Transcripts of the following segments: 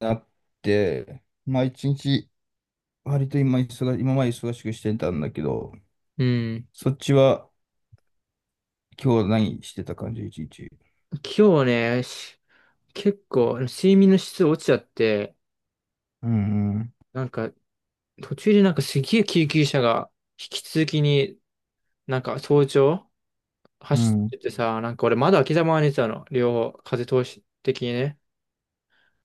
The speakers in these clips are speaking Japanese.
なって、まあ一日、割と今忙し、今まで忙しくしてたんだけど、うん。そっちは今日何してた感じ、一日。今日ね、結構睡眠の質落ちちゃって、うんうん。なんか途中でなんかすげえ救急車が引き続きに早朝う走っん。ててさ、なんか俺窓開けたまま寝てたの。両方風通し的にね。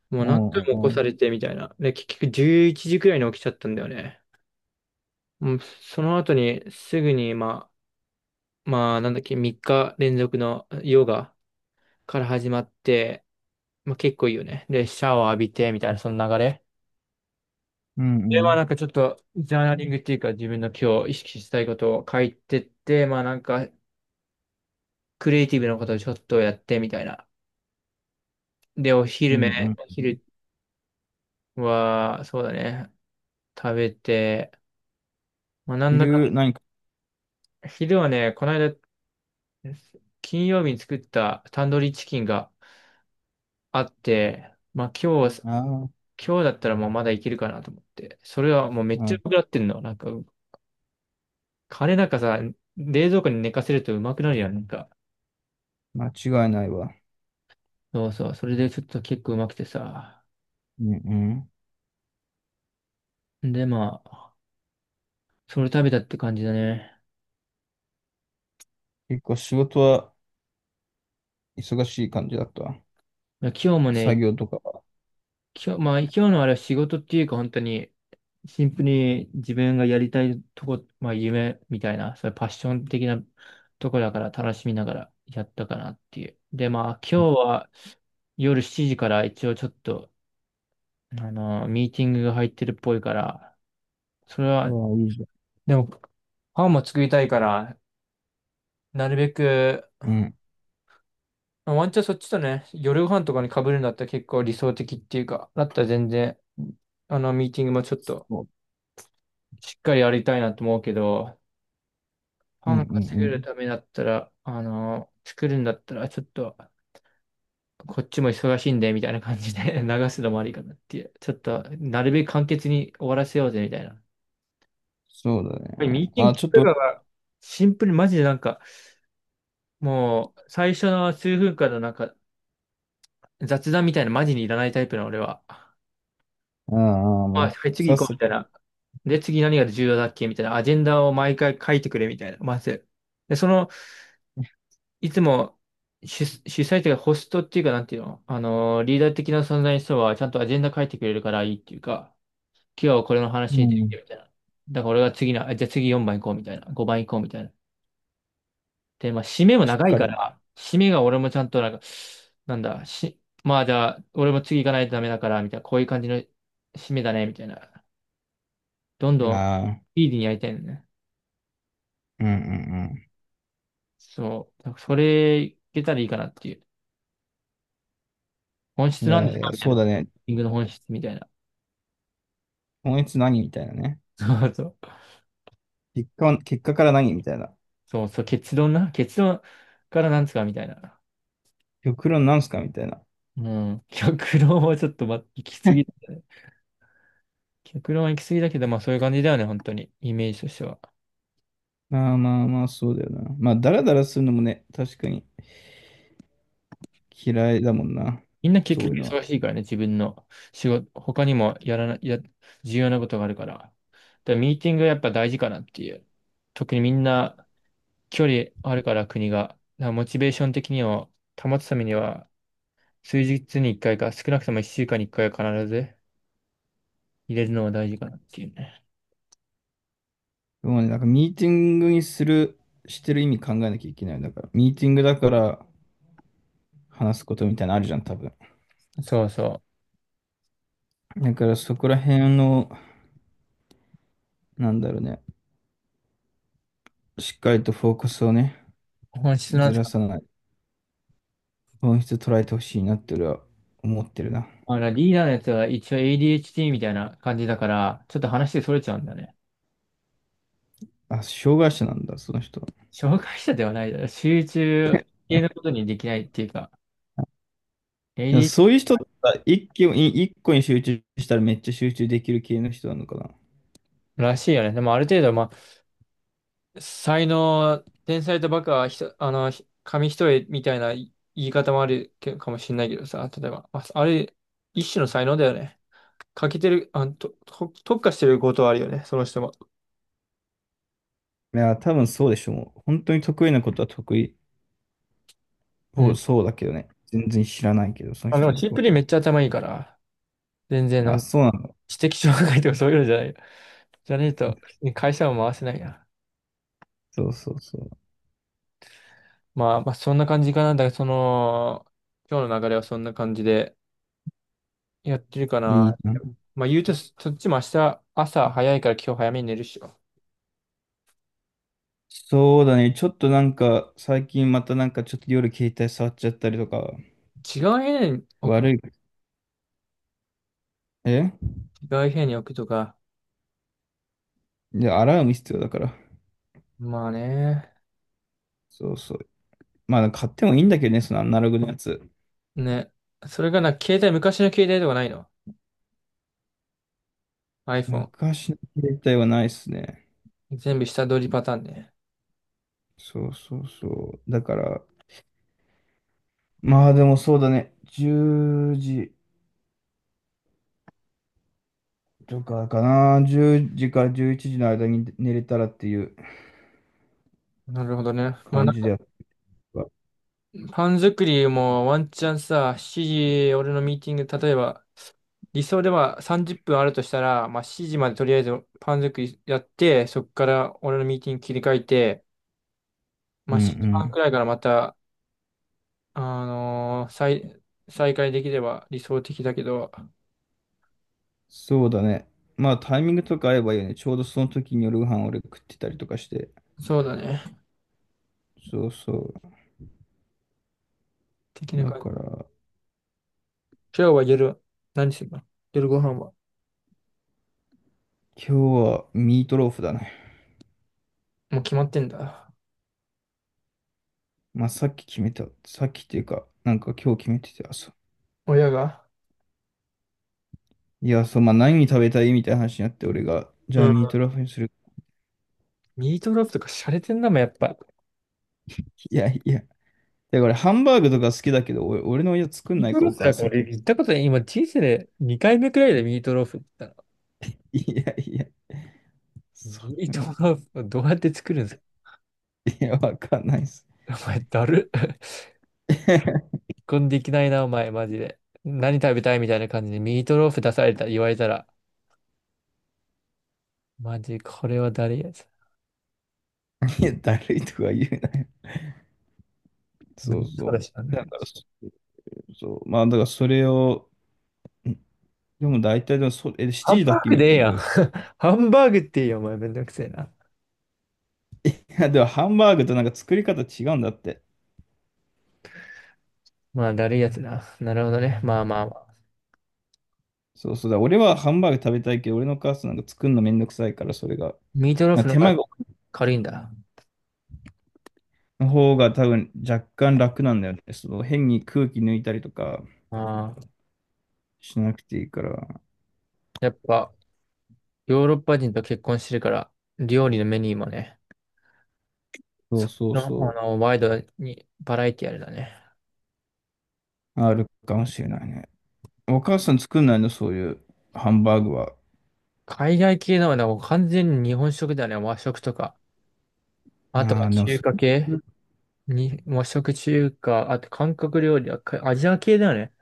もうう何回んも起こうさん。れてみたいな。で、結局11時くらいに起きちゃったんだよね。もうその後にすぐにまあなんだっけ、3日連続のヨガから始まって、まあ結構いいよね。で、シャワー浴びてみたいなその流れ。うで、んうまあん。なんかちょっと、ジャーナリングっていうか自分の今日意識したいことを書いてって、まあなんか、クリエイティブなことをちょっとやってみたいな。で、うんうん。お昼は、そうだね、食べて、まあなんだか、昼何か、昼はね、この間、金曜日に作ったタンドリーチキンがあって、まあああ。今日だったらもうまだいけるかなと思って、それはもうめっうちゃうん。まくなってんの。なんか、カレーなんかさ、冷蔵庫に寝かせるとうまくなるやん、なんか。間違いないわ。そうそう。それでちょっと結構うまくてさ。うんうん。で、まあ、それ食べたって感じだね。結構仕事は忙しい感じだった。まあ今日も作ね、業とかは。今日、まあ今日のあれは仕事っていうか本当に、シンプルに自分がやりたいとこ、まあ夢みたいな、それパッション的なとこだから楽しみながらやったかなっていう。で、まあ今日は夜7時から一応ちょっと、ミーティングが入ってるっぽいから、それあは、あ、いいじでも、パンも作りたいから、なるべくゃん。うん。まあワンチャンそっちとね、夜ご飯とかに被るんだったら結構理想的っていうか、だったら全然、ミーティングもちょっとそう。しっかりやりたいなと思うけど、うパんうんン稼げうるん。ためだったら、作るんだったらちょっと、こっちも忙しいんで、みたいな感じで 流すのもありかなっていう。ちょっと、なるべく簡潔に終わらせようぜ、みたいな。そうだこれミね。ーティンまあグちょっとと、かが、シンプルにマジでなんか、もう、最初の数分間のなんか、雑談みたいなマジにいらないタイプの俺は。ああ、まあ、もう、はいさ次っ行こさうみと、たいな。で、次何が重要だっけみたいな。アジェンダを毎回書いてくれみたいな。まず。で、その、いつも主催というか、ホストっていうか、なんていうのリーダー的な存在の人は、ちゃんとアジェンダ書いてくれるからいいっていうか、今日はこれの話うについてん。みたいな。だから俺が次の、あじゃあ次4番行こうみたいな。5番行こうみたいな。で、まあ、締めもしっ長いかかり、ら、締めが俺もちゃんとなんか、なんだ、し、まあじゃあ、俺も次行かないとダメだから、みたいな、こういう感じの締めだね、みたいな。どんどんああ、スピーディーにやりたいのね。うんうんそう。だからそれ、いけたらいいかなっていう。本うん。質いなんでやすいかや、みたいそな。うだね。リングの本質みたいな。今月何みたいなね。そうそう。結果は、結果から何みたいな。そうそう。結論な。結論からなんですかみたいな。極論なんすかみたいな。うん。極論はちょっと、行き過ぎ だね。極論は行き過ぎだけど、まあそういう感じだよね。本当に。イメージとしては。まあまあまあ、そうだよな。まあ、だらだらするのもね、確かに嫌いだもんな。みんな結そうい局うのは。忙しいからね。自分の仕事、他にもやらな、や、重要なことがあるから。だからミーティングはやっぱ大事かなっていう。特にみんな、距離あるから国が。だからモチベーション的に保つためには、数日に一回かいか、少なくとも一週間に一回は必ず入れるのが大事かなっていうね。でもね、なんかミーティングにする、してる意味考えなきゃいけない。だから、ミーティングだから話すことみたいなのあるじゃん、多分。そうそだからそこら辺の、なんだろうね、しっかりとフォーカスをね、う。本質なんずですらか。さない。本質捉えてほしいなって俺は思ってるな。リーダーのやつは一応 ADHD みたいな感じだから、ちょっと話でそれちゃうんだよね。あ、障害者なんだ、その人は。障害者ではないだろ。集中系のことにできないっていうか、いや AD そういう人ってさ一気に、一個に集中したらめっちゃ集中できる系の人なのかな。らしいよね。でもある程度、まあ才能、天才とバカはひと、あの、ひ紙一重みたいな言い方もあるけかもしれないけどさ、例えば、まあ、あれ、一種の才能だよね。欠けてる、あの、と、と特化してることはあるよね、その人も。いや、多分そうでしょう。もう本当に得意なことは得意うそうん。そうだけどね。全然知らないけど、そのあ、で人ものこシンとプは。ルにめっちゃ頭いいから、全然なあ、んかそうなんだ。知的障害とかそういうのじゃないよ。じゃねえと、会社は回せないな。そうそうそう。まあ、そんな感じかな。だから、その、今日の流れはそんな感じでやってるかいいな。な。まあ、言うと、そっちも明日、朝早いから今日早めに寝るっしょ。そうだね。ちょっとなんか、最近またなんかちょっと夜携帯触っちゃったりとか、違う部屋に置く、悪い。え、違う部屋に置くとか。で、アラーム必要だから。まあね。そうそう。まあ、買ってもいいんだけどね、そのアナログのやつ。ね。それがな、昔の携帯とかないの？ iPhone。昔の携帯はないっすね。全部下取りパターンね。そうそうそう。だから、まあでもそうだね。10時とかかな。10時から11時の間に寝れたらっていうなるほどね。まあ感なんじでやか、った。パン作りもワンチャンさ、7時、俺のミーティング、例えば、理想では30分あるとしたら、まあ7時までとりあえずパン作りやって、そこから俺のミーティング切り替えて、うまんあう7時半くん。らいからまた、あのー再、再開できれば理想的だけど、そうだね。まあタイミングとか合えばいいよね。ちょうどその時に夜ご飯俺食ってたりとかして。そうだね。そうそ的う。なだ感かじら、今日は夜、何するの夜ご飯は。今日はミートローフだね。もう決まってんだ。まあ、さっき決めた。さっきっていうか、なんか今日決めてて、朝。親が。いや、そう、まあ、何食べたいみたいな話になって、俺が、じうゃあん。ミートローフにする。ミートローフとか洒落てんなもん、やっぱ。いやいや。だから、ハンバーグとか好きだけど、俺、俺の親作んミーないトか、ローおフな母んかさん俺結構。言ったことない。今人生で2回目くらいでミートローフって言ったいやいや。の。そミートう。ローフをどうやって作るんですかいや、わかんないっす。お前、だる。こんできないな、お前、マジで。何食べたいみたいな感じでミートローフ出された、言われたら。マジ、これは誰やつ。いや、だるいとか言うなよ。無そ理うそそうだう。しな、なんかだから、そ、そう。まあ、だからそれを、ん、でも大体でもそ、え、ハ7ンバ時だっーけ、グでミーええティンやん。グ。ハンバーグっていいよ、お前、めんどくせえな。いや、でもハンバーグとなんか作り方違うんだって。まあ、だるいやつな。なるほどね。まあまあまあ。そうそうだ。俺はハンバーグ食べたいけど、俺の母さんなんか作るのめんどくさいから、それが。ミートローまあフの手方間がが軽いんだ。の方が多分若干楽なんだよね。その変に空気抜いたりとかああ。しなくていいから。やっぱ、ヨーロッパ人と結婚してるから、料理のメニューもね、そうそそうの、あその、ワイドにバラエティあるだね。う。あるかもしれないね。お母さん作んないのそういうハンバーグは。海外系のはね、もう完全に日本食だよね。和食とか。あとあはあ、でも中そ華れ、系に、和食中華、あと韓国料理はアジア系だよね。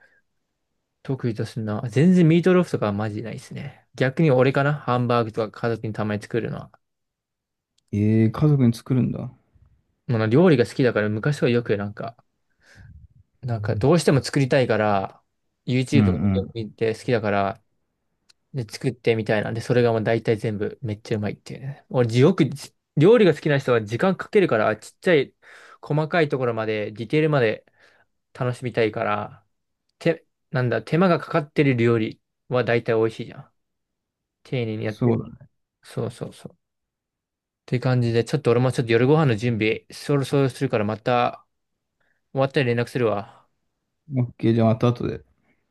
得意とすんな。全然ミートローフとかはマジでないですね。逆に俺かなハンバーグとか家族にたまに作るのは。ええー、家族に作るんだ。もうな料理が好きだから昔はよくなんか、なんかどうしても作りたいから、うん YouTube うとかん。見て好きだから、で、作ってみたいなで、それがもう大体全部めっちゃうまいっていうね。俺、よくじ料理が好きな人は時間かけるから、ちっちゃい細かいところまで、ディテールまで楽しみたいから、手、なんだ、手間がかかってる料理は大体美味しいじゃん。丁寧にやってそうる。だね。そうそうそう。っていう感じで、ちょっと俺もちょっと夜ご飯の準備、そろそろするからまた終わったら連絡するわ。オッケー、じゃあまた後で。